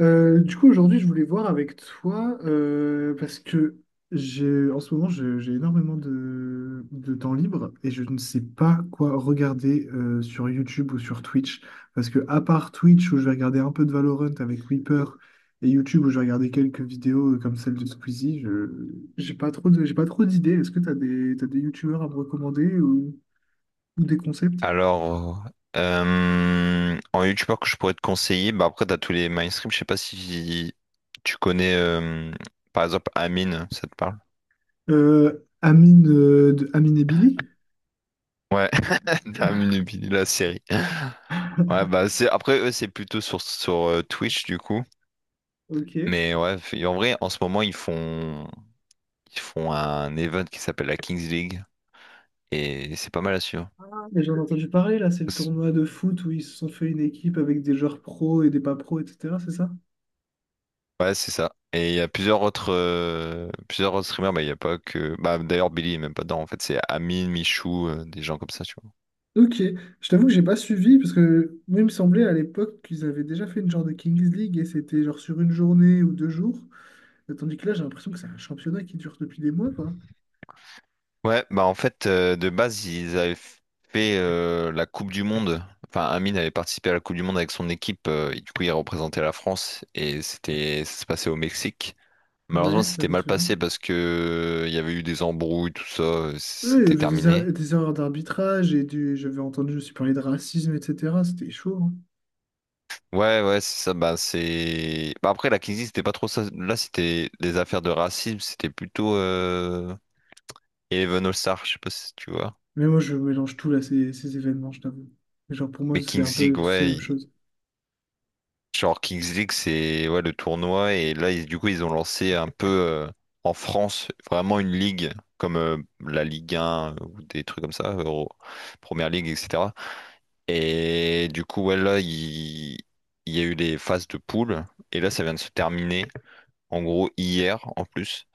Du coup, aujourd'hui, je voulais voir avec toi parce que j'ai, en ce moment, j'ai énormément de temps libre et je ne sais pas quoi regarder sur YouTube ou sur Twitch. Parce que, à part Twitch, où je vais regarder un peu de Valorant avec Reaper et YouTube, où je vais regarder quelques vidéos comme celle de Squeezie, je j'ai pas trop de, j'ai pas trop d'idées. Est-ce que tu as des, t'as des YouTubeurs à me recommander ou des concepts? Alors, en youtubeur que je pourrais te conseiller, bah après, t'as tous les mainstream. Je sais pas si tu connais, par exemple, Amine, ça te parle? Euh, Amine, de Amine et Billy? Ouais, Amine et Billy, la série. Ouais, bah c'est après, eux, c'est plutôt sur Twitch, du coup. Ok. Mais ouais, en vrai, en ce moment, ils font un event qui s'appelle la Kings League. Et c'est pas mal à suivre. Mais j'en ai entendu parler là, c'est le tournoi de foot où ils se sont fait une équipe avec des joueurs pros et des pas pros, etc. C'est ça? Ouais, c'est ça. Et il y a plusieurs autres streamers, bah, il y a pas que... Bah, d'ailleurs, Billy est même pas dedans, en fait. C'est Amine, Michou, des gens comme ça, tu vois. Ok, je t'avoue que j'ai pas suivi parce que moi il me semblait à l'époque qu'ils avaient déjà fait une genre de Kings League et c'était genre sur une journée ou deux jours, tandis que là j'ai l'impression que c'est un championnat qui dure depuis des mois quoi. Ouais, bah en fait, de base, ils avaient fait la Coupe du Monde. Enfin, Amine avait participé à la Coupe du Monde avec son équipe. Et du coup, il représentait la France et c'était, ça se passait au Mexique. Malheureusement, Ouais, ça je c'était me mal souviens. passé parce que il y avait eu des embrouilles, tout ça. Oui, il y C'était avait des, terminé. Des erreurs d'arbitrage et du j'avais entendu aussi parler de racisme, etc. C'était chaud, hein. Ouais, ouais, c'est ça. Bah, c'est. Bah, après, la Kingsley, c'était pas trop ça. Là, c'était des affaires de racisme. C'était plutôt Eleven All-Star, je sais pas si tu vois. Mais moi je mélange tout là, ces événements, je t'avoue. Genre pour moi Mais c'est un Kings peu League, tous la ouais. même chose. Genre, Kings League, c'est ouais, le tournoi. Et là, du coup, ils ont lancé un peu en France, vraiment une ligue, comme la Ligue 1 ou des trucs comme ça, Première Ligue, etc. Et du coup, ouais, là, il y a eu les phases de poule. Et là, ça vient de se terminer, en gros, hier, en plus.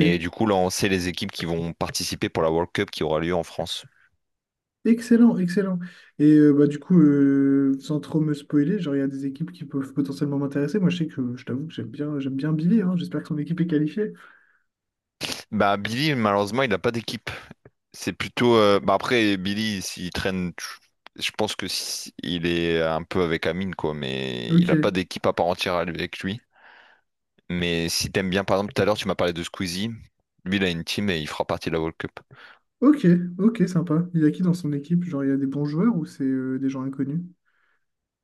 Et du coup, là, on sait les équipes qui vont participer pour la World Cup qui aura lieu en France. Excellent, excellent. Et du coup, sans trop me spoiler, genre, il y a des équipes qui peuvent potentiellement m'intéresser. Moi, je sais que je t'avoue que j'aime bien Billy, hein. J'espère que son équipe est qualifiée. Bah, Billy, malheureusement, il n'a pas d'équipe. C'est plutôt. Bah, après, Billy, s'il traîne, je pense que il est un peu avec Amine, quoi, mais il n'a pas Ok, d'équipe à part entière avec lui. Mais si t'aimes bien, par exemple, tout à l'heure, tu m'as parlé de Squeezie. Lui, il a une team et il fera partie de la World Cup. ok, ok, sympa. Il y a qui dans son équipe? Genre, il y a des bons joueurs ou c'est des gens inconnus?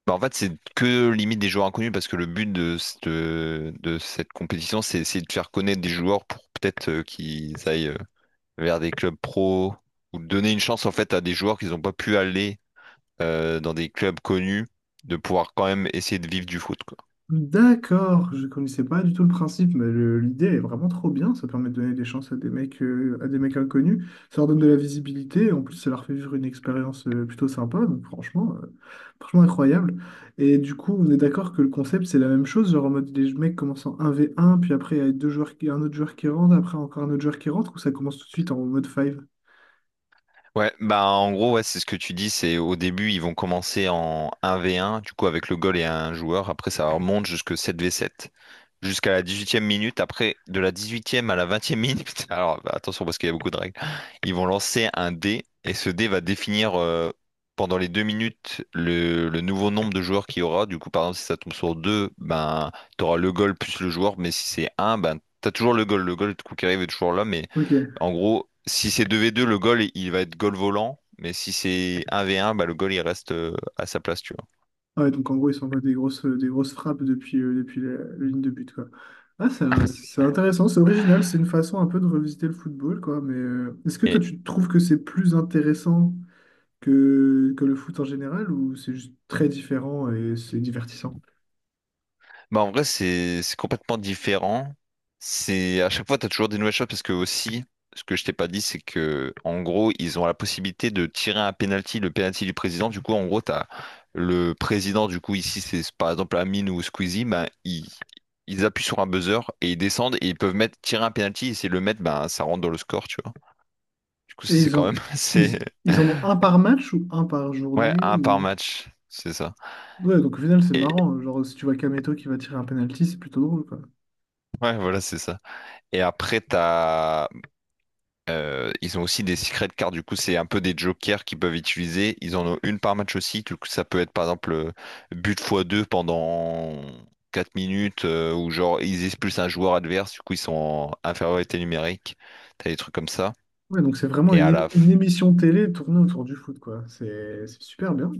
Bah, en fait, c'est que limite des joueurs inconnus parce que le but de cette compétition, c'est essayer de faire connaître des joueurs pour peut-être qu'ils aillent. Vers des clubs pro ou de donner une chance en fait à des joueurs qui n'ont pas pu aller dans des clubs connus, de pouvoir quand même essayer de vivre du foot, quoi. D'accord, je connaissais pas du tout le principe, mais l'idée est vraiment trop bien. Ça permet de donner des chances à des mecs inconnus. Ça leur donne de la visibilité. En plus, ça leur fait vivre une expérience plutôt sympa. Donc, franchement incroyable. Et du coup, on est d'accord que le concept, c'est la même chose. Genre en mode des mecs commencent en 1v1, puis après, il y a un autre joueur qui rentre, après encore un autre joueur qui rentre, ou ça commence tout de suite en mode 5? Ouais, bah en gros, ouais, c'est ce que tu dis, c'est au début, ils vont commencer en 1v1, du coup avec le goal et un joueur, après ça remonte jusque 7v7. Jusqu'à la 18e minute. Après, de la 18e à la 20e minute, alors bah, attention parce qu'il y a beaucoup de règles, ils vont lancer un dé et ce dé va définir pendant les 2 minutes le nouveau nombre de joueurs qu'il y aura. Du coup, par exemple, si ça tombe sur deux, ben, tu auras le goal plus le joueur, mais si c'est un, ben, tu as toujours le goal. Le goal, du coup, qui arrive est toujours là, mais Ok. en gros, si c'est deux v deux le goal, il va être goal volant. Mais si c'est un v un bah, le goal, il reste à sa place, tu vois. Ah ouais, donc en gros, ils s'envoient des grosses frappes depuis la ligne de but, quoi. Ah, c'est intéressant, c'est original, c'est une façon un peu de revisiter le football, quoi. Mais est-ce que toi, Et, tu trouves que c'est plus intéressant que le foot en général ou c'est juste très différent et c'est divertissant? Bah en vrai c'est complètement différent. C'est à chaque fois t'as toujours des nouvelles choses parce que aussi ce que je t'ai pas dit c'est que en gros ils ont la possibilité de tirer un penalty, le penalty du président. Du coup en gros t'as le président du coup ici c'est par exemple Amine ou Squeezie, ben ils appuient sur un buzzer et ils descendent et ils peuvent mettre tirer un penalty et s'ils le mettent ben ça rentre dans le score tu vois. Du coup Et ça c'est quand même c'est ils en ont un par match ou un par ouais journée un par ou match c'est ça. Ouais, donc au final, c'est Et marrant. Genre, si tu vois Kameto qui va tirer un penalty, c'est plutôt drôle, quoi. ouais voilà c'est ça. Et après, t'as ils ont aussi des secret cards, du coup, c'est un peu des jokers qu'ils peuvent utiliser. Ils en ont une par match aussi, du coup, ça peut être par exemple but fois 2 pendant 4 minutes, ou genre ils expulsent un joueur adverse, du coup, ils sont en infériorité numérique. T'as des trucs comme ça. Ouais, donc c'est vraiment Et à la, une f- émission télé tournée autour du foot, quoi. C'est super bien.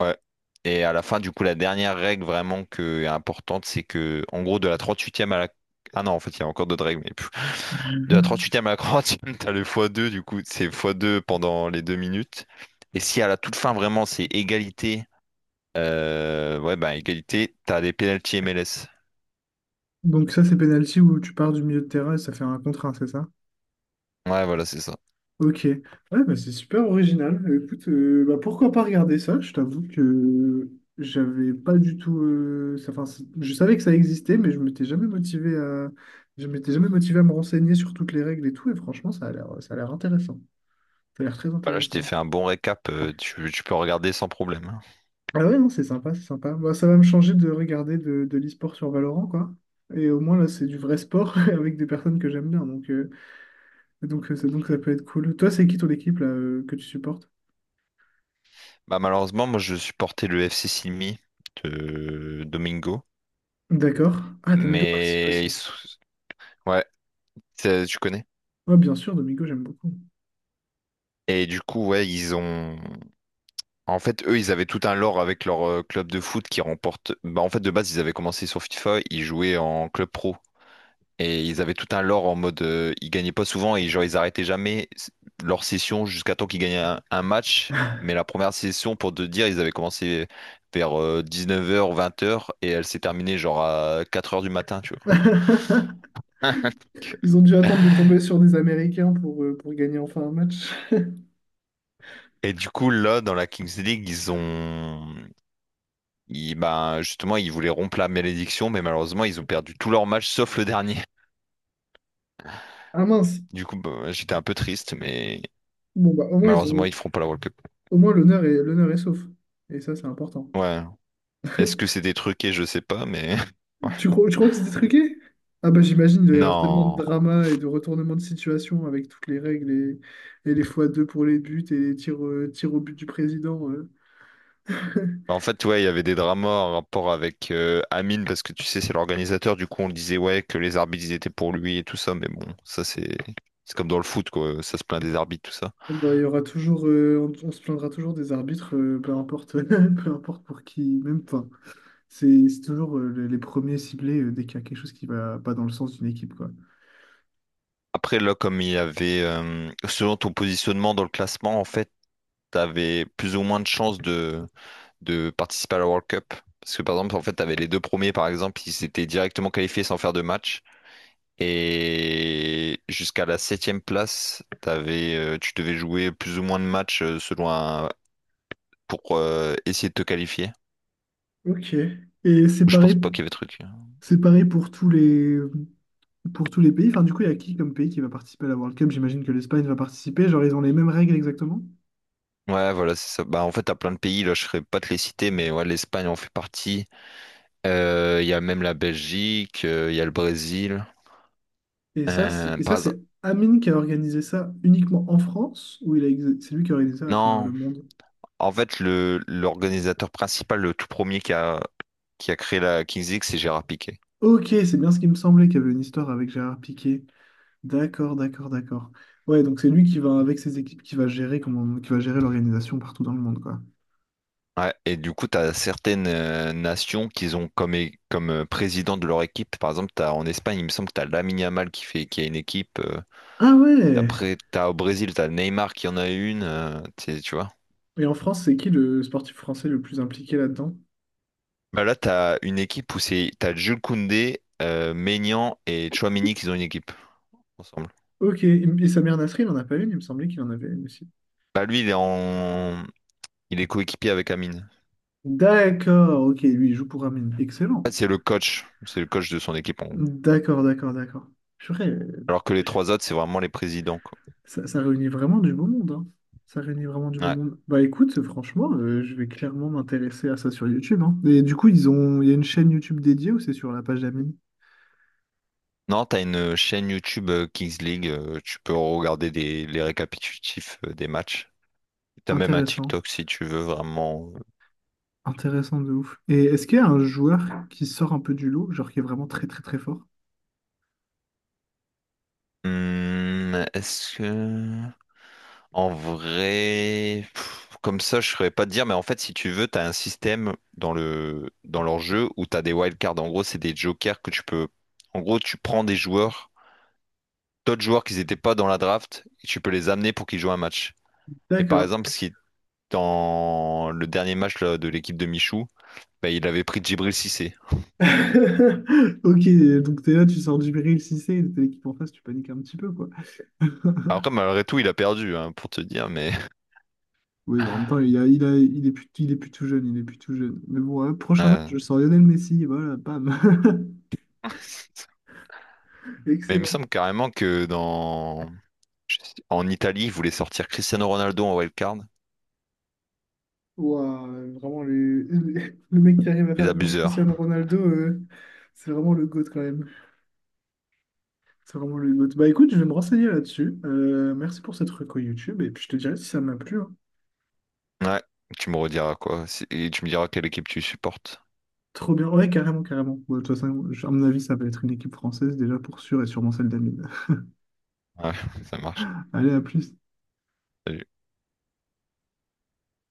ouais. Et à la fin, du coup, la dernière règle vraiment que, importante, c'est que, en gros, de la 38e à la. Ah non, en fait, il y a encore d'autres règles, mais de la 38e à la 40 t'as le x2, du coup, c'est x2 pendant les 2 minutes. Et si à la toute fin, vraiment, c'est égalité, ouais, bah, égalité, t'as des pénalties MLS. Donc ça, c'est penalty où tu pars du milieu de terrain et ça fait un contre un, c'est ça? Ouais, voilà, c'est ça. Ok, ouais, bah, c'est super original. Écoute, pourquoi pas regarder ça? Je t'avoue que j'avais pas du tout enfin, je savais que ça existait, mais je m'étais jamais motivé à me renseigner sur toutes les règles et tout. Et franchement, ça a l'air intéressant. Ça a l'air très Bah là, je t'ai intéressant. fait un bon récap, tu peux regarder sans problème. Hein. Ah ouais, non, c'est sympa. Bah, ça va me changer de regarder de l'e-sport sur Valorant, quoi. Et au moins là, c'est du vrai sport avec des personnes que j'aime bien. Donc ça peut être cool. Toi, c'est qui ton équipe là, que tu supportes? Bah, malheureusement, moi, je supportais le FC Silmi de Domingo, D'accord. Ah, Domingo participe mais aussi. Ouais, tu connais. Ouais, bien sûr, Domingo, j'aime beaucoup. Et du coup, ouais, ils ont en fait, eux, ils avaient tout un lore avec leur club de foot qui remporte. Bah, en fait, de base, ils avaient commencé sur FIFA, ils jouaient en club pro. Et ils avaient tout un lore en mode. Ils gagnaient pas souvent et genre, ils arrêtaient jamais leur session jusqu'à temps qu'ils gagnaient un match. Mais la première session, pour te dire, ils avaient commencé vers 19h, 20h et elle s'est terminée genre à 4h du matin, tu vois. Ils ont dû attendre de tomber sur des Américains pour gagner enfin un match. Et du coup, là, dans la Kings League, ben, justement, ils voulaient rompre la malédiction, mais malheureusement, ils ont perdu tous leurs matchs sauf le dernier. Ah mince. Du coup, bah, ouais, j'étais un peu triste, mais Bon, bah, au moins, ils malheureusement, ont ils feront pas la World Cup. au moins l'honneur est l'honneur est sauf. Et ça, c'est important. Ouais. Est-ce que c'est des truqués, je sais pas, mais. Ouais. Tu crois que c'était truqué? Ah bah j'imagine il doit y avoir tellement de Non. drama et de retournement de situation avec toutes les règles et les fois 2 pour les buts et les tirs, tirs au but du président, euh. En fait, ouais, il y avait des dramas en rapport avec Amine, parce que tu sais, c'est l'organisateur. Du coup, on disait, ouais, que les arbitres, ils étaient pour lui et tout ça. Mais bon, ça, c'est. C'est comme dans le foot, quoi. Ça se plaint des arbitres, tout ça. Bah, il y aura toujours, on se plaindra toujours des arbitres, peu importe, peu importe pour qui, même, enfin, c'est toujours les premiers ciblés dès qu'il y a quelque chose qui va pas dans le sens d'une équipe, quoi. Après, là, comme il y avait. Selon ton positionnement dans le classement, en fait, t'avais plus ou moins de chances de participer à la World Cup. Parce que par exemple, en fait, t'avais les deux premiers, par exemple, ils s'étaient directement qualifiés sans faire de match. Et jusqu'à la septième place, t'avais, tu devais jouer plus ou moins de matchs selon un, pour essayer de te qualifier. Ok. Et Ou je pense pas qu'il y avait truc. Hein. c'est pareil pour pour tous les pays. Enfin, du coup, il y a qui comme pays qui va participer à la World Cup? J'imagine que l'Espagne va participer. Genre, ils ont les mêmes règles exactement. Ouais, voilà, c'est ça. Bah, en fait, t'as plein de pays, là, je serais pas te les citer, mais ouais, l'Espagne en fait partie. Il y a même la Belgique, il y a le Brésil. Et Euh, ça, par exemple- c'est Amine qui a organisé ça uniquement en France, ou c'est lui qui a organisé ça à travers le non, monde. en fait, le l'organisateur principal, le tout premier qui a créé la Kings League, c'est Gérard Piquet. Ok, c'est bien ce qui me semblait qu'il y avait une histoire avec Gérard Piqué. D'accord. Ouais, donc c'est lui qui va, avec ses équipes, qui va gérer l'organisation partout dans le monde, quoi. Ouais, et du coup, tu as certaines nations qui ont comme, comme président de leur équipe. Par exemple, t'as, en Espagne, il me semble que tu as Lamine Yamal qui fait, qui a une équipe. Ah ouais! Après, tu as au Brésil, tu as Neymar qui en a une. Tu vois. Et en France, c'est qui le sportif français le plus impliqué là-dedans? Bah là, tu as une équipe où c'est, tu as Jules Koundé, Maignan et Tchouaméni qui ont une équipe ensemble. Ok, et Samir Nasri, il en a pas une, il me semblait qu'il en avait une aussi. Bah lui, il est coéquipier avec Amine. D'accord, ok, lui, il joue pour Amine. Excellent. En fait, c'est le coach. C'est le coach de son équipe, en gros. D'accord. Purée, Alors que les trois autres, c'est vraiment les présidents, quoi. Ça réunit vraiment du beau monde, hein. Ça réunit vraiment du beau Ouais. monde. Bah écoute, franchement, je vais clairement m'intéresser à ça sur YouTube, hein. Et du coup, ils ont il y a une chaîne YouTube dédiée ou c'est sur la page d'Amine? Non, t'as une chaîne YouTube Kings League, tu peux regarder les récapitulatifs des matchs. T'as même un Intéressant, TikTok si tu veux vraiment. intéressant de ouf. Et est-ce qu'il y a un joueur qui sort un peu du lot, genre qui est vraiment très très très fort? Est-ce que... En vrai... pff, comme ça, je saurais pas te dire, mais en fait, si tu veux, t'as un système dans leur jeu où t'as des wildcards. En gros, c'est des jokers que tu peux... En gros, tu prends des joueurs, d'autres joueurs qui n'étaient pas dans la draft, et tu peux les amener pour qu'ils jouent un match. Et par D'accord. exemple, si dans le dernier match là, de l'équipe de Michou, bah, il avait pris Djibril Cissé. Ok, donc t'es là, tu sors du Bril Cissé, t'es l'équipe en face, tu paniques un petit peu, quoi. Après, malgré tout, il a perdu, hein, pour te dire, mais... Oui, bon, en même temps, il est plus tout jeune, il est plus tout jeune. Mais bon, hein, prochain match, Euh, je sors Lionel Messi, et voilà, bam. Mais il me Excellent. semble carrément que dans... en Italie, ils voulaient sortir Cristiano Ronaldo en wildcard. Ouah, vraiment, le mec qui arrive à Les faire venir abuseurs. Cristiano Ronaldo, c'est vraiment le GOAT quand même. C'est vraiment le GOAT. Bah écoute, je vais me renseigner là-dessus. Merci pour cette reco YouTube, et puis je te dirai si ça m'a plu, hein. Ouais, tu me rediras quoi. Et tu me diras quelle équipe tu supportes. Trop bien. Ouais, carrément, carrément. Ouais, de toute façon, à mon avis, ça va être une équipe française déjà pour sûr et sûrement celle d'Amine. Ouais, ça marche. Allez, à plus. Salut.